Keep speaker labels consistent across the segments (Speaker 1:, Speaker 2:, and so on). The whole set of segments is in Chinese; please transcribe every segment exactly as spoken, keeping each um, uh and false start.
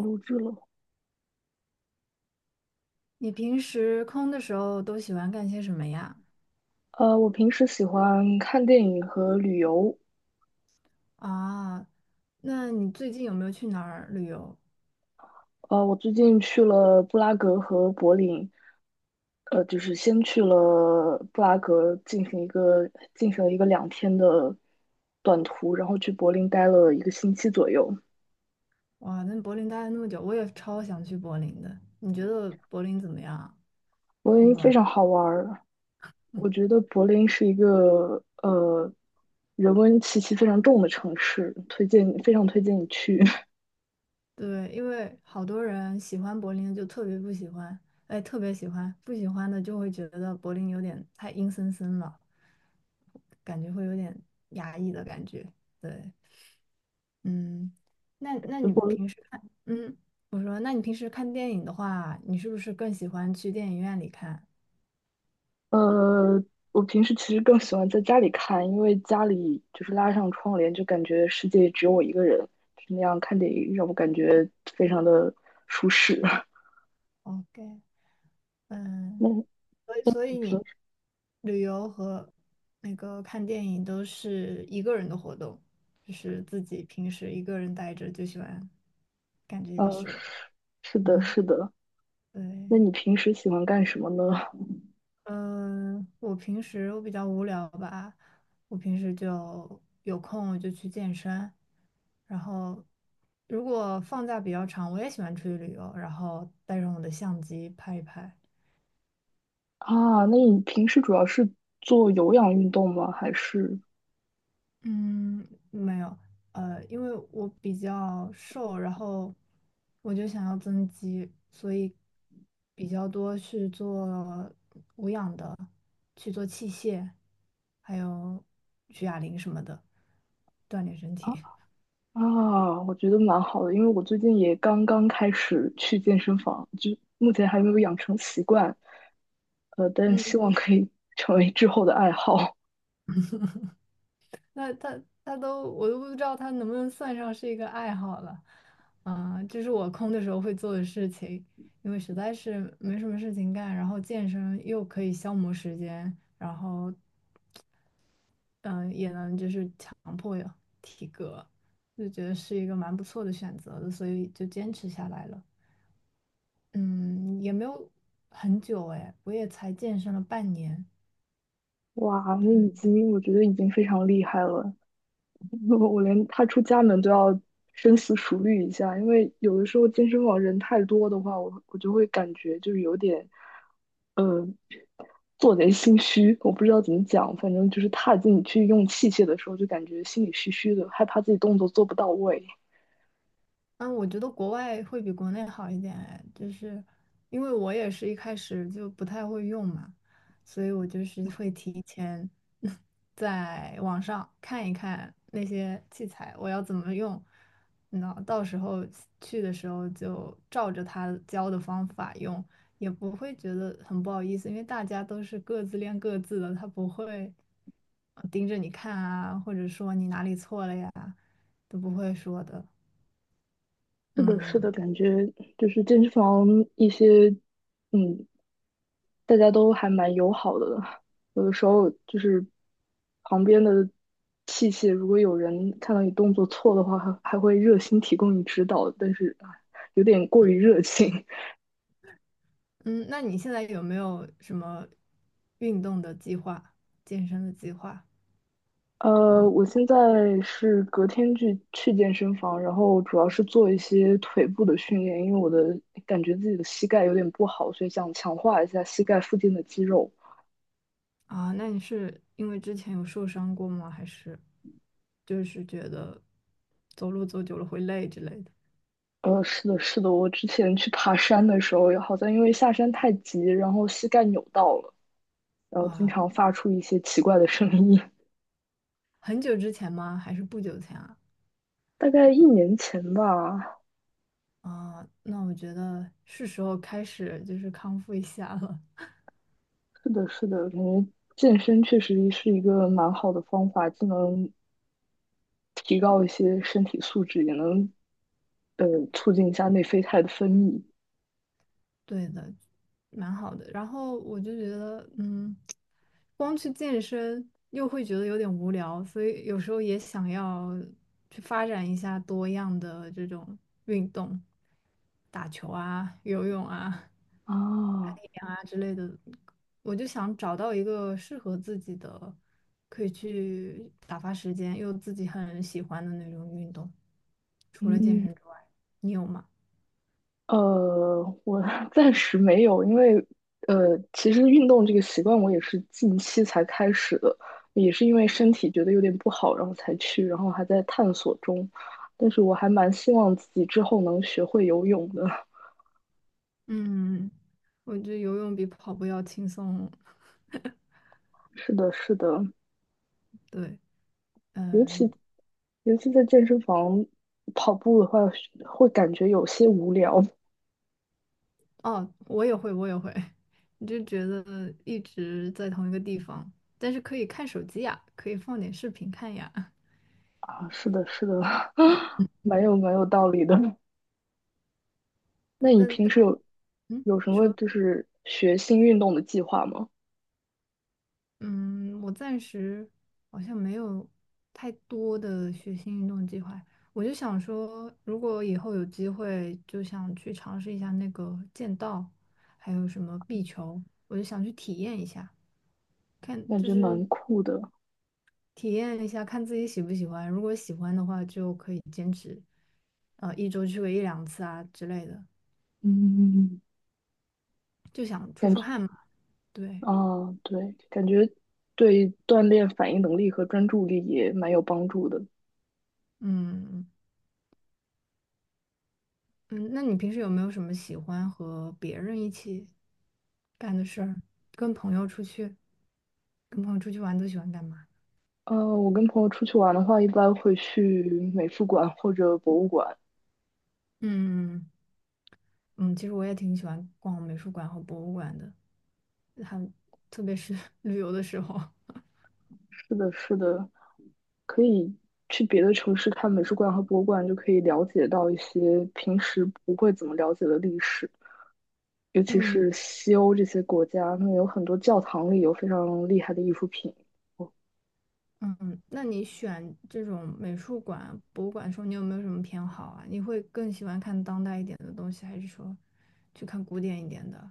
Speaker 1: 录制了。
Speaker 2: 你平时空的时候都喜欢干些什么呀？
Speaker 1: 呃，我平时喜欢看电影和旅游。
Speaker 2: 啊，那你最近有没有去哪儿旅游？
Speaker 1: 呃，我最近去了布拉格和柏林。呃，就是先去了布拉格进行一个进行了一个两天的短途，然后去柏林待了一个星期左右。
Speaker 2: 哇，那柏林待了那么久，我也超想去柏林的。你觉得柏林怎么样啊。
Speaker 1: 柏
Speaker 2: 你
Speaker 1: 林非
Speaker 2: 玩？
Speaker 1: 常好玩儿，我 觉得柏林是一个呃人文气息非常重的城市，推荐非常推荐你去。
Speaker 2: 对，因为好多人喜欢柏林的就特别不喜欢，哎，特别喜欢，不喜欢的就会觉得柏林有点太阴森森了，感觉会有点压抑的感觉。对，嗯，那那
Speaker 1: 就
Speaker 2: 你
Speaker 1: 柏
Speaker 2: 平时看，嗯，我说，那你平时看电影的话，你是不是更喜欢去电影院里看
Speaker 1: 呃，我平时其实更喜欢在家里看，因为家里就是拉上窗帘，就感觉世界只有我一个人，就那样看电影让我感觉非常的舒适。
Speaker 2: ？OK，
Speaker 1: 那
Speaker 2: 嗯，
Speaker 1: 你
Speaker 2: 所以所以
Speaker 1: 平
Speaker 2: 你
Speaker 1: 时，
Speaker 2: 旅游和那个看电影都是一个人的活动，就是自己平时一个人待着就喜欢干这些
Speaker 1: 呃，
Speaker 2: 事。
Speaker 1: 是 的，
Speaker 2: 嗯，
Speaker 1: 是的。那你
Speaker 2: 对。
Speaker 1: 平时喜欢干什么呢？
Speaker 2: 嗯，我平时我比较无聊吧，我平时就有空我就去健身，然后如果放假比较长，我也喜欢出去旅游，然后带上我的相机拍一拍。
Speaker 1: 啊，那你平时主要是做有氧运动吗？还是？
Speaker 2: 嗯，没有，呃，因为我比较瘦，然后我就想要增肌，所以比较多去做无氧的，去做器械，还有举哑铃什么的，锻炼身
Speaker 1: 啊？
Speaker 2: 体。
Speaker 1: 啊，我觉得蛮好的，因为我最近也刚刚开始去健身房，就目前还没有养成习惯，呃，但希
Speaker 2: 嗯
Speaker 1: 望可以 成为之后的爱好。
Speaker 2: 那他他都我都不知道他能不能算上是一个爱好了，啊、就是我空的时候会做的事情。因为实在是没什么事情干，然后健身又可以消磨时间，然后嗯、呃也能就是强迫有体格，就觉得是一个蛮不错的选择的，所以就坚持下来了。嗯，也没有很久哎，我也才健身了半年，
Speaker 1: 哇，那
Speaker 2: 对，
Speaker 1: 已经我觉得已经非常厉害了。我连踏出家门都要深思熟虑一下，因为有的时候健身房人太多的话，我我就会感觉就是有点，呃，做贼心虚。我不知道怎么讲，反正就是踏进去用器械的时候，就感觉心里虚虚的，害怕自己动作做不到位。
Speaker 2: 嗯，我觉得国外会比国内好一点哎，就是因为我也是一开始就不太会用嘛，所以我就是会提前 在网上看一看那些器材我要怎么用，那到时候去的时候就照着他教的方法用，也不会觉得很不好意思，因为大家都是各自练各自的，他不会呃盯着你看啊，或者说你哪里错了呀，都不会说的，
Speaker 1: 是的，是的，
Speaker 2: 嗯。
Speaker 1: 感觉就是健身房一些，嗯，大家都还蛮友好的，有的时候就是旁边的器械，如果有人看到你动作错的话，还还会热心提供你指导，但是啊有点过于热情。
Speaker 2: 嗯，那你现在有没有什么运动的计划、健身的计划？有
Speaker 1: 呃，
Speaker 2: 吗
Speaker 1: 我现在是隔天去去健身房，然后主要是做一些腿部的训练，因为我的感觉自己的膝盖有点不好，所以想强化一下膝盖附近的肌肉。
Speaker 2: 啊？那你是因为之前有受伤过吗？还是就是觉得走路走久了会累之类的？
Speaker 1: 呃，是的，是的，我之前去爬山的时候，好像因为下山太急，然后膝盖扭到了。然后经
Speaker 2: 哇，
Speaker 1: 常发出一些奇怪的声音。
Speaker 2: 很久之前吗？还是不久前啊？
Speaker 1: 大概一年前吧，
Speaker 2: 啊，那我觉得是时候开始就是康复一下了。
Speaker 1: 是的，是的，感觉健身确实是一个蛮好的方法，既能提高一些身体素质，也能呃促进一下内啡肽的分泌
Speaker 2: 对的，蛮好的。然后我就觉得，嗯，光去健身又会觉得有点无聊，所以有时候也想要去发展一下多样的这种运动，打球啊、游泳啊、攀
Speaker 1: 啊。
Speaker 2: 岩啊之类的。我就想找到一个适合自己的，可以去打发时间，又自己很喜欢的那种运动，除了健
Speaker 1: 嗯，
Speaker 2: 身之外，你有吗？
Speaker 1: 呃，我 暂时没有，因为呃，其实运动这个习惯我也是近期才开始的，也是因为身体觉得有点不好，然后才去，然后还在探索中。但是我还蛮希望自己之后能学会游泳的。
Speaker 2: 嗯，我觉得游泳比跑步要轻松。
Speaker 1: 是的，是的，
Speaker 2: 对，
Speaker 1: 尤其
Speaker 2: 嗯，
Speaker 1: 尤其在健身房跑步的话，会感觉有些无聊
Speaker 2: 哦，我也会，我也会。你就觉得一直在同一个地方，但是可以看手机呀，可以放点视频看呀。
Speaker 1: 啊。是的，是的，
Speaker 2: 嗯
Speaker 1: 蛮有蛮有道理的。那你
Speaker 2: 那
Speaker 1: 平
Speaker 2: 但
Speaker 1: 时有
Speaker 2: 嗯，
Speaker 1: 有什么
Speaker 2: 说。
Speaker 1: 就是学新运动的计划吗？
Speaker 2: 嗯，我暂时好像没有太多的学新运动计划。我就想说，如果以后有机会，就想去尝试一下那个剑道，还有什么壁球，我就想去体验一下，看
Speaker 1: 感
Speaker 2: 就
Speaker 1: 觉
Speaker 2: 是
Speaker 1: 蛮酷的，
Speaker 2: 体验一下，看自己喜不喜欢。如果喜欢的话，就可以坚持，呃，一周去个一两次啊之类的，
Speaker 1: 嗯，
Speaker 2: 就想出
Speaker 1: 感
Speaker 2: 出
Speaker 1: 觉
Speaker 2: 汗嘛。对，
Speaker 1: 啊，对，感觉对锻炼反应能力和专注力也蛮有帮助的。
Speaker 2: 嗯。嗯，那你平时有没有什么喜欢和别人一起干的事儿？跟朋友出去，跟朋友出去玩都喜欢干嘛？
Speaker 1: 呃，我跟朋友出去玩的话，一般会去美术馆或者博物馆。
Speaker 2: 嗯嗯，其实我也挺喜欢逛美术馆和博物馆的，还特别是 旅游的时候。
Speaker 1: 是的，是的，可以去别的城市看美术馆和博物馆，就可以了解到一些平时不会怎么了解的历史，尤其
Speaker 2: 嗯
Speaker 1: 是西欧这些国家，那有很多教堂里有非常厉害的艺术品。
Speaker 2: 嗯，那你选这种美术馆、博物馆的时候，你有没有什么偏好啊？你会更喜欢看当代一点的东西，还是说去看古典一点的？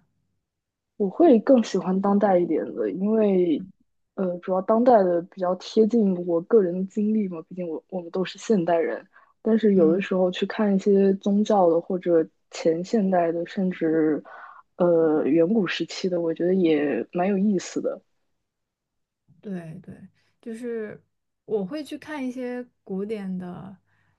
Speaker 1: 我会更喜欢当代一点的，因为，呃，主要当代的比较贴近我个人的经历嘛，毕竟我我们都是现代人。但是有的
Speaker 2: 嗯。
Speaker 1: 时候去看一些宗教的或者前现代的，甚至呃远古时期的，我觉得也蛮有意思的。
Speaker 2: 对对，就是我会去看一些古典的，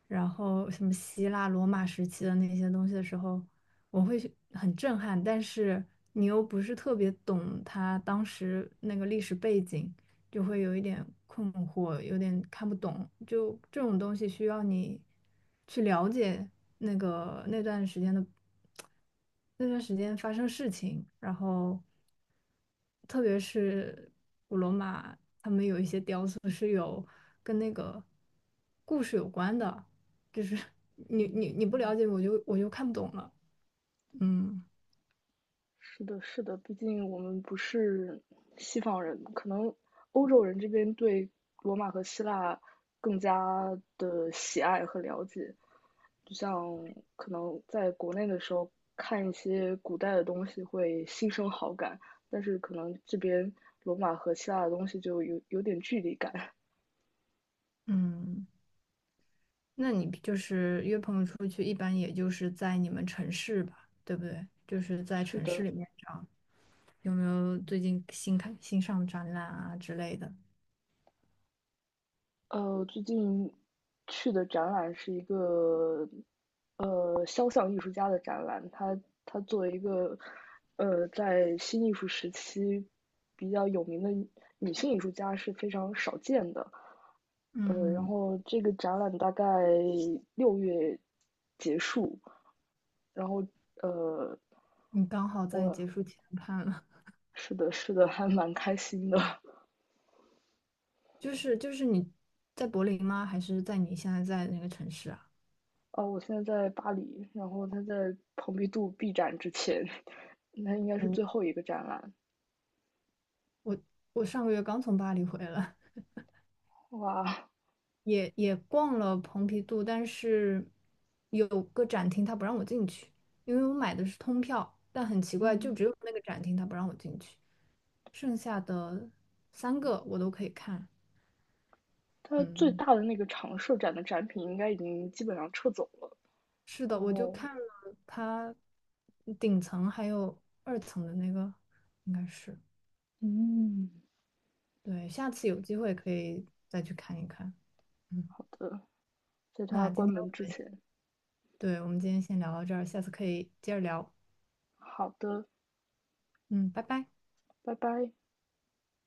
Speaker 2: 然后什么希腊、罗马时期的那些东西的时候，我会去很震撼，但是你又不是特别懂他当时那个历史背景，就会有一点困惑，有点看不懂。就这种东西需要你去了解那个那段时间的那段时间发生事情，然后特别是古罗马，他们有一些雕塑是有跟那个故事有关的，就是 你你你不了解我就我就看不懂了，嗯。
Speaker 1: 是的，是的，毕竟我们不是西方人，可能欧洲人这边对罗马和希腊更加的喜爱和了解。就像可能在国内的时候看一些古代的东西会心生好感，但是可能这边罗马和希腊的东西就有有点距离感。
Speaker 2: 嗯，那你就是约朋友出去，一般也就是在你们城市吧，对不对？就是在
Speaker 1: 是
Speaker 2: 城市
Speaker 1: 的，
Speaker 2: 里面找，有没有最近新开新上展览啊之类的？
Speaker 1: 呃，最近去的展览是一个呃肖像艺术家的展览，他他作为一个呃在新艺术时期比较有名的女女性艺术家是非常少见的。呃，然
Speaker 2: 嗯，
Speaker 1: 后这个展览大概六月结束，然后呃，
Speaker 2: 你刚好在
Speaker 1: 我
Speaker 2: 结束前看了，
Speaker 1: 是的，是的，还蛮开心的。
Speaker 2: 就是就是你在柏林吗？还是在你现在在的那个城市啊？
Speaker 1: 哦，我现在在巴黎，然后他在蓬皮杜闭展之前。那应该是
Speaker 2: 我
Speaker 1: 最后一个展览。
Speaker 2: 我上个月刚从巴黎回来，
Speaker 1: 哇，
Speaker 2: 也也逛了蓬皮杜，但是有个展厅他不让我进去，因为我买的是通票，但很奇怪，就
Speaker 1: 嗯，
Speaker 2: 只有那个展厅他不让我进去。剩下的三个我都可以看。
Speaker 1: 它最
Speaker 2: 嗯，
Speaker 1: 大的那个常设展的展品应该已经基本上撤走了。
Speaker 2: 是的，
Speaker 1: 然
Speaker 2: 我就
Speaker 1: 后，
Speaker 2: 看了它顶层还有二层的那个，应该是。
Speaker 1: 嗯，
Speaker 2: 对，下次有机会可以再去看一看。嗯，
Speaker 1: 好的，在它
Speaker 2: 那今
Speaker 1: 关
Speaker 2: 天
Speaker 1: 门
Speaker 2: 我
Speaker 1: 之
Speaker 2: 们，
Speaker 1: 前，
Speaker 2: 对，我们今天先聊到这儿，下次可以接着聊。
Speaker 1: 好的，
Speaker 2: 嗯，拜拜。
Speaker 1: 拜拜。